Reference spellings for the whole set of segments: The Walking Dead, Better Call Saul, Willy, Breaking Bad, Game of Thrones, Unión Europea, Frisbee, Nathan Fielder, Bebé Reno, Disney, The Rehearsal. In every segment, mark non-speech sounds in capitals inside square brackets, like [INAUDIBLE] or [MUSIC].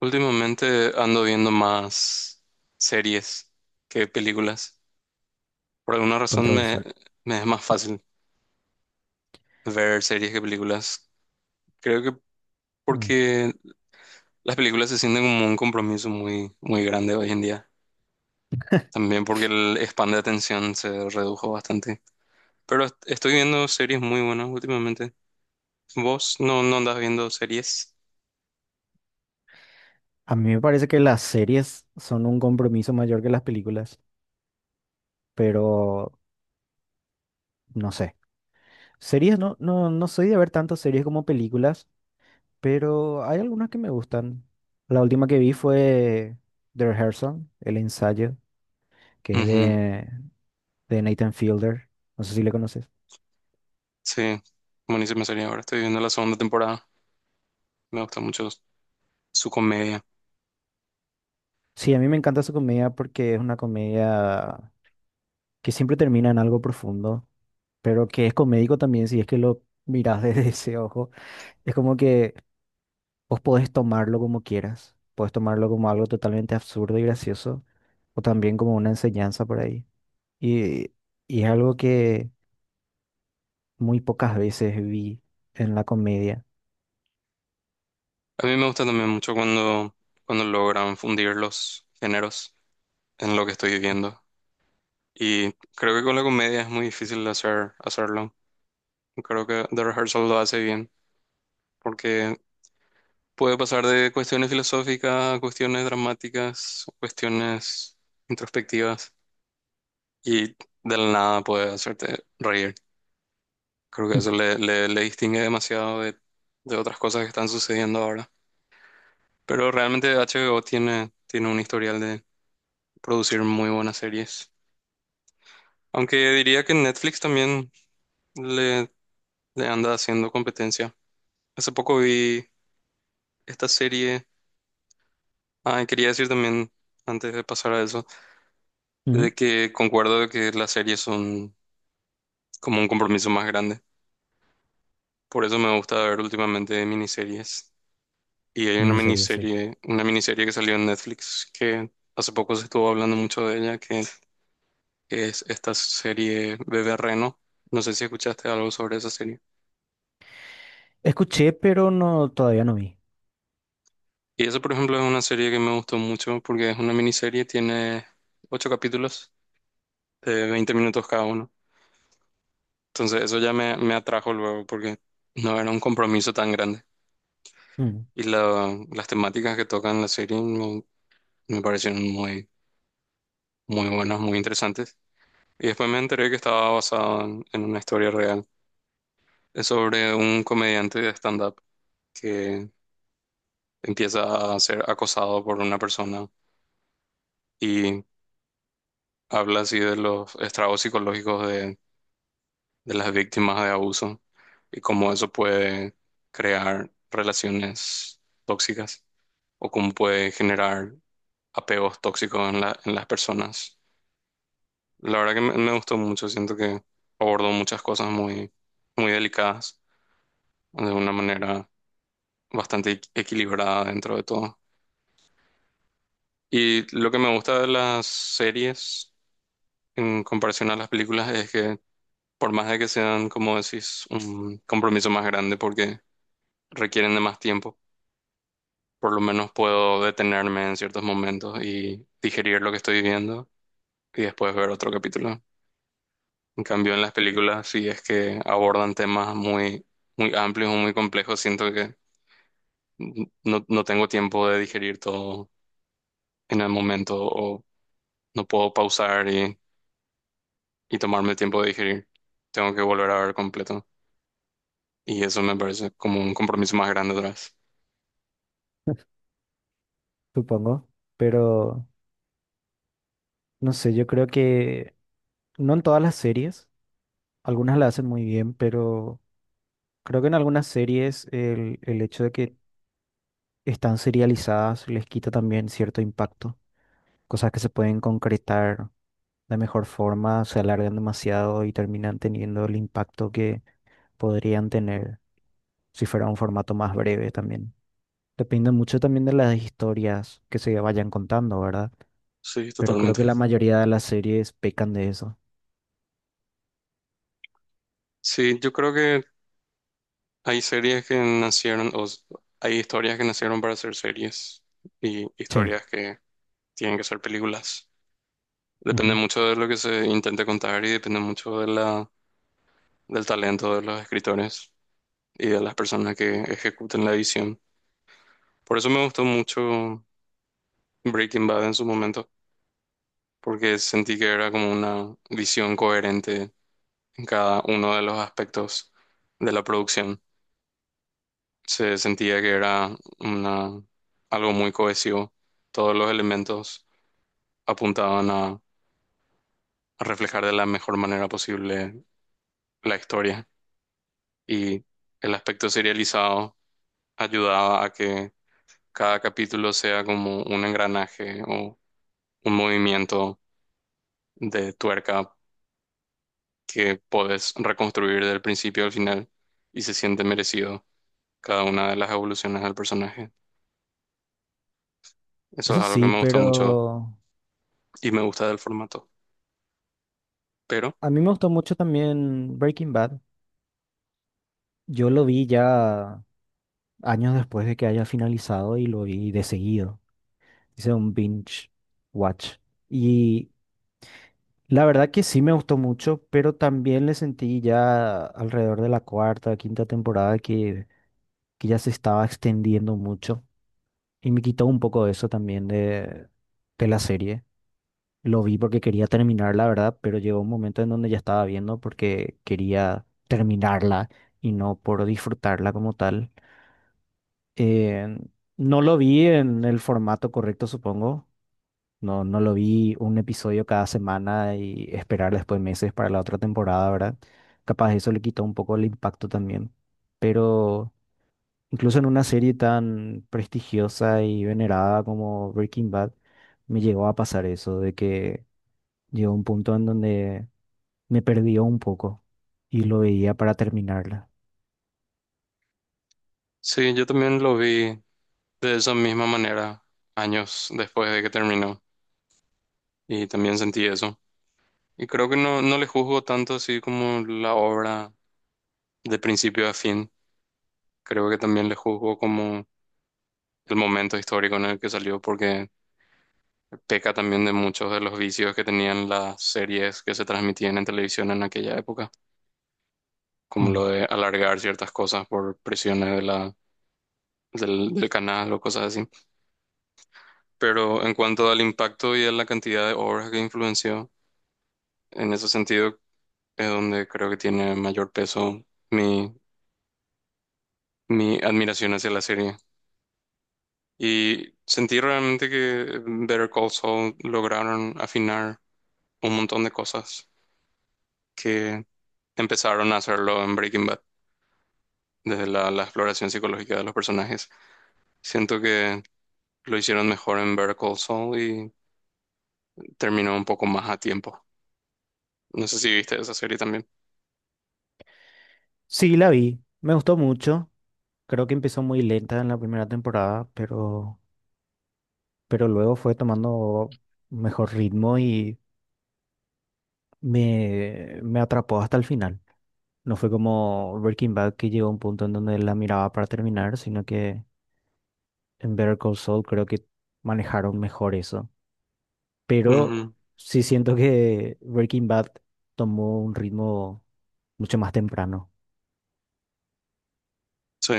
Últimamente ando viendo más series que películas. Por alguna razón Controversial. me es más fácil ver series que películas. Creo que Mm. porque las películas se sienten como un compromiso muy, muy grande hoy en día. También porque el span de atención se redujo bastante. Pero estoy viendo series muy buenas últimamente. ¿Vos no andas viendo series? A mí me parece que las series son un compromiso mayor que las películas, pero no sé. Series, no soy de ver tantas series como películas, pero hay algunas que me gustan. La última que vi fue The Rehearsal, El ensayo, que es Ujú. de, de Nathan Fielder. No sé si le conoces. Sí, buenísima serie ahora. Estoy viendo la segunda temporada. Me gusta mucho su comedia. Sí, a mí me encanta su comedia porque es una comedia que siempre termina en algo profundo, pero que es comédico también si es que lo miras [LAUGHS] desde ese ojo. Es como que vos podés tomarlo como quieras, podés tomarlo como algo totalmente absurdo y gracioso, o también como una enseñanza por ahí. Y, y es algo que muy pocas veces vi en la comedia. A mí me gusta también mucho cuando logran fundir los géneros en lo que estoy viviendo. Y creo que con la comedia es muy difícil hacerlo. Creo que The Rehearsal lo hace bien, porque puede pasar de cuestiones filosóficas a cuestiones dramáticas, cuestiones introspectivas, y de la nada puede hacerte reír. Creo que eso [LAUGHS] le distingue demasiado de otras cosas que están sucediendo ahora. Pero realmente HBO tiene un historial de producir muy buenas series. Aunque diría que Netflix también le, le anda haciendo competencia. Hace poco vi esta serie. Ah, y quería decir también, antes de pasar a eso, de Ujú. que concuerdo de que las series son como un compromiso más grande. Por eso me gusta ver últimamente miniseries. Y hay Miniseries, sí. Una miniserie que salió en Netflix que hace poco se estuvo hablando mucho de ella, es esta serie Bebé Reno. No sé si escuchaste algo sobre esa serie. Escuché, pero no, todavía no vi. Y eso, por ejemplo, es una serie que me gustó mucho porque es una miniserie, tiene ocho capítulos de 20 minutos cada uno. Entonces, eso ya me atrajo luego porque no era un compromiso tan grande. Mm. Y las temáticas que tocan la serie me parecieron muy, muy buenas, muy interesantes. Y después me enteré que estaba basado en una historia real. Es sobre un comediante de stand-up que empieza a ser acosado por una persona y habla así de los estragos psicológicos de las víctimas de abuso y cómo eso puede crear relaciones tóxicas o cómo puede generar apegos tóxicos en en las personas. La verdad que me gustó mucho, siento que abordó muchas cosas muy, muy delicadas de una manera bastante equilibrada dentro de todo. Y lo que me gusta de las series en comparación a las películas es que por más de que sean, como decís, un compromiso más grande porque requieren de más tiempo, por lo menos puedo detenerme en ciertos momentos y digerir lo que estoy viendo y después ver otro capítulo. En cambio, en las películas, si es que abordan temas muy, muy amplios o muy complejos, siento que no tengo tiempo de digerir todo en el momento o no puedo pausar y tomarme el tiempo de digerir. Tengo que volver a ver completo. Y eso me parece como un compromiso más grande atrás. [LAUGHS] Supongo. Pero no sé, yo creo que no en todas las series, algunas la hacen muy bien, pero creo que en algunas series el hecho de que están serializadas les quita también cierto impacto. Cosas que se pueden concretar de mejor forma se alargan demasiado y terminan teniendo el impacto que podrían tener si fuera un formato más breve también. Depende mucho también de las historias que se vayan contando, ¿verdad? Sí, Pero creo totalmente. que la mayoría de las series pecan de eso. Sí, yo creo que Hay series que nacieron, o s- hay historias que nacieron para ser series y Sí. historias que tienen que ser películas. Depende Ujú. mucho de lo que se intente contar y depende mucho de del talento de los escritores y de las personas que ejecuten la edición. Por eso me gustó mucho Breaking Bad en su momento, porque sentí que era como una visión coherente en cada uno de los aspectos de la producción. Se sentía que era una, algo muy cohesivo. Todos los elementos apuntaban a, a reflejar de la mejor manera posible la historia y el aspecto serializado ayudaba a que cada capítulo sea como un engranaje o un movimiento de tuerca que podés reconstruir del principio al final y se siente merecido cada una de las evoluciones del personaje. Eso es Eso algo que sí, me gustó mucho pero y me gusta del formato. Pero a mí me gustó mucho también Breaking Bad. Yo lo vi ya años después de que haya finalizado y lo vi de seguido. Hice un binge watch. Y la verdad que sí me gustó mucho, pero también le sentí ya alrededor de la cuarta, quinta temporada que ya se estaba extendiendo mucho y me quitó un poco de eso también de la serie. Lo vi porque quería terminar, la verdad, pero llegó un momento en donde ya estaba viendo porque quería terminarla y no por disfrutarla como tal. Eh, no lo vi en el formato correcto, supongo. No, no lo vi un episodio cada semana y esperar después meses para la otra temporada, ¿verdad? Capaz eso le quitó un poco el impacto también. Pero incluso en una serie tan prestigiosa y venerada como Breaking Bad, me llegó a pasar eso, de que llegó un punto en donde me perdió un poco y lo veía para terminarla. sí, yo también lo vi de esa misma manera años después de que terminó y también sentí eso. Y creo que no le juzgo tanto así como la obra de principio a fin. Creo que también le juzgo como el momento histórico en el que salió porque peca también de muchos de los vicios que tenían las series que se transmitían en televisión en aquella época, como Mm. lo de alargar ciertas cosas por presiones de del canal o cosas así. Pero en cuanto al impacto y a la cantidad de obras que influenció, en ese sentido es donde creo que tiene mayor peso mi, mi admiración hacia la serie. Y sentí realmente que Better Call Saul lograron afinar un montón de cosas que empezaron a hacerlo en Breaking Bad, desde la exploración psicológica de los personajes. Siento que lo hicieron mejor en Better Call Saul y terminó un poco más a tiempo. No sé si viste esa serie también. Sí, la vi, me gustó mucho. Creo que empezó muy lenta en la primera temporada, pero luego fue tomando mejor ritmo y me atrapó hasta el final. No fue como Breaking Bad que llegó a un punto en donde la miraba para terminar, sino que en Better Call Saul creo que manejaron mejor eso. Pero Ujú. sí siento que Breaking Bad tomó un ritmo mucho más temprano. Sí,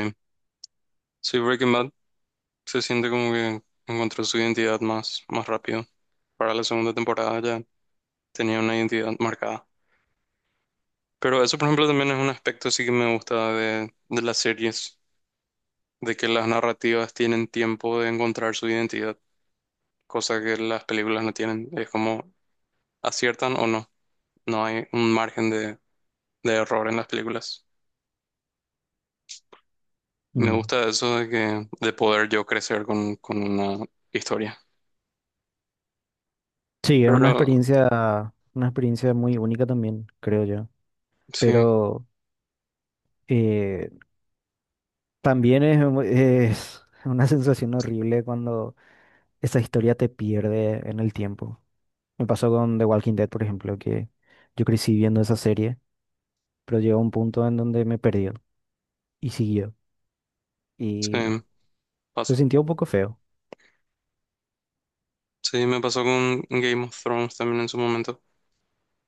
sí, Breaking Bad se siente como que encontró su identidad más rápido. Para la segunda temporada ya tenía una identidad marcada. Pero eso, por ejemplo, también es un aspecto sí que me gusta de las series, de que las narrativas tienen tiempo de encontrar su identidad, cosa que las películas no tienen. Es como aciertan o no, no hay un margen de error en las películas. Me Mm. gusta eso de que de poder yo crecer con una historia. Sí, es Pero una experiencia muy única también, creo yo. sí, Pero eh, también es una [LAUGHS] sensación horrible cuando esa historia te pierde en el tiempo. Me pasó con The Walking Dead, por ejemplo, que yo crecí viendo esa serie, pero llegó un punto en donde me perdió y siguió. Y sí, se pasó. sintió un poco feo. Sí, me pasó con Game of Thrones también en su momento.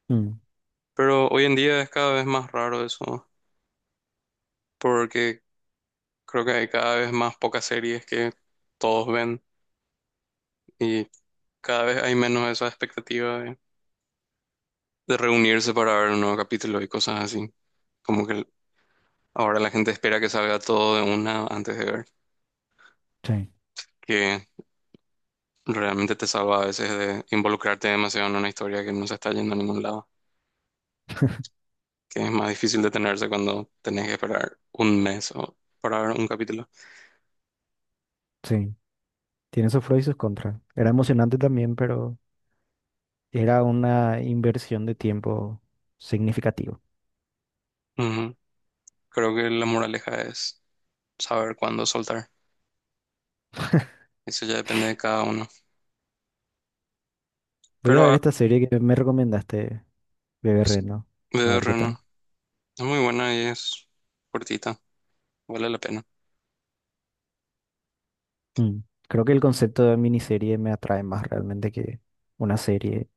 Mm, Pero hoy en día es cada vez más raro eso, porque creo que hay cada vez más pocas series que todos ven y cada vez hay menos esa expectativa de reunirse para ver un nuevo capítulo y cosas así. Como que ahora la gente espera que salga todo de una antes de ver, sí, que realmente te salva a veces de involucrarte demasiado en una historia que no se está yendo a ningún lado, que es más difícil detenerse cuando tenés que esperar un mes o para ver un capítulo. sí. Tiene sus pros y sus contras. Era emocionante también, pero era una inversión de tiempo significativa. Ujú. Creo que la moraleja es saber cuándo soltar. Eso ya depende de cada uno. Voy a Pero ver ah, esta serie que me recomendaste, Bebé sí, Reno. A Bebé ver qué Reno. tal. Es muy buena y es cortita. Vale la pena. Mm. Creo que el concepto de miniserie me atrae más realmente que una serie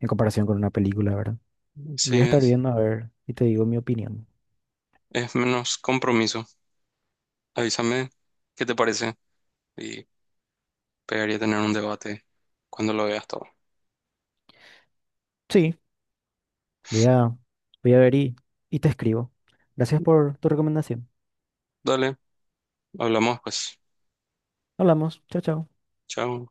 en comparación con una película, ¿verdad? Voy a Sí, estar viendo a ver y te digo mi opinión. es menos compromiso. Avísame qué te parece y pegaría tener un debate cuando lo veas todo. Sí, voy a, voy a ver y te escribo. Gracias por tu recomendación. Dale, hablamos pues. Hablamos. Chao, chao. Chao.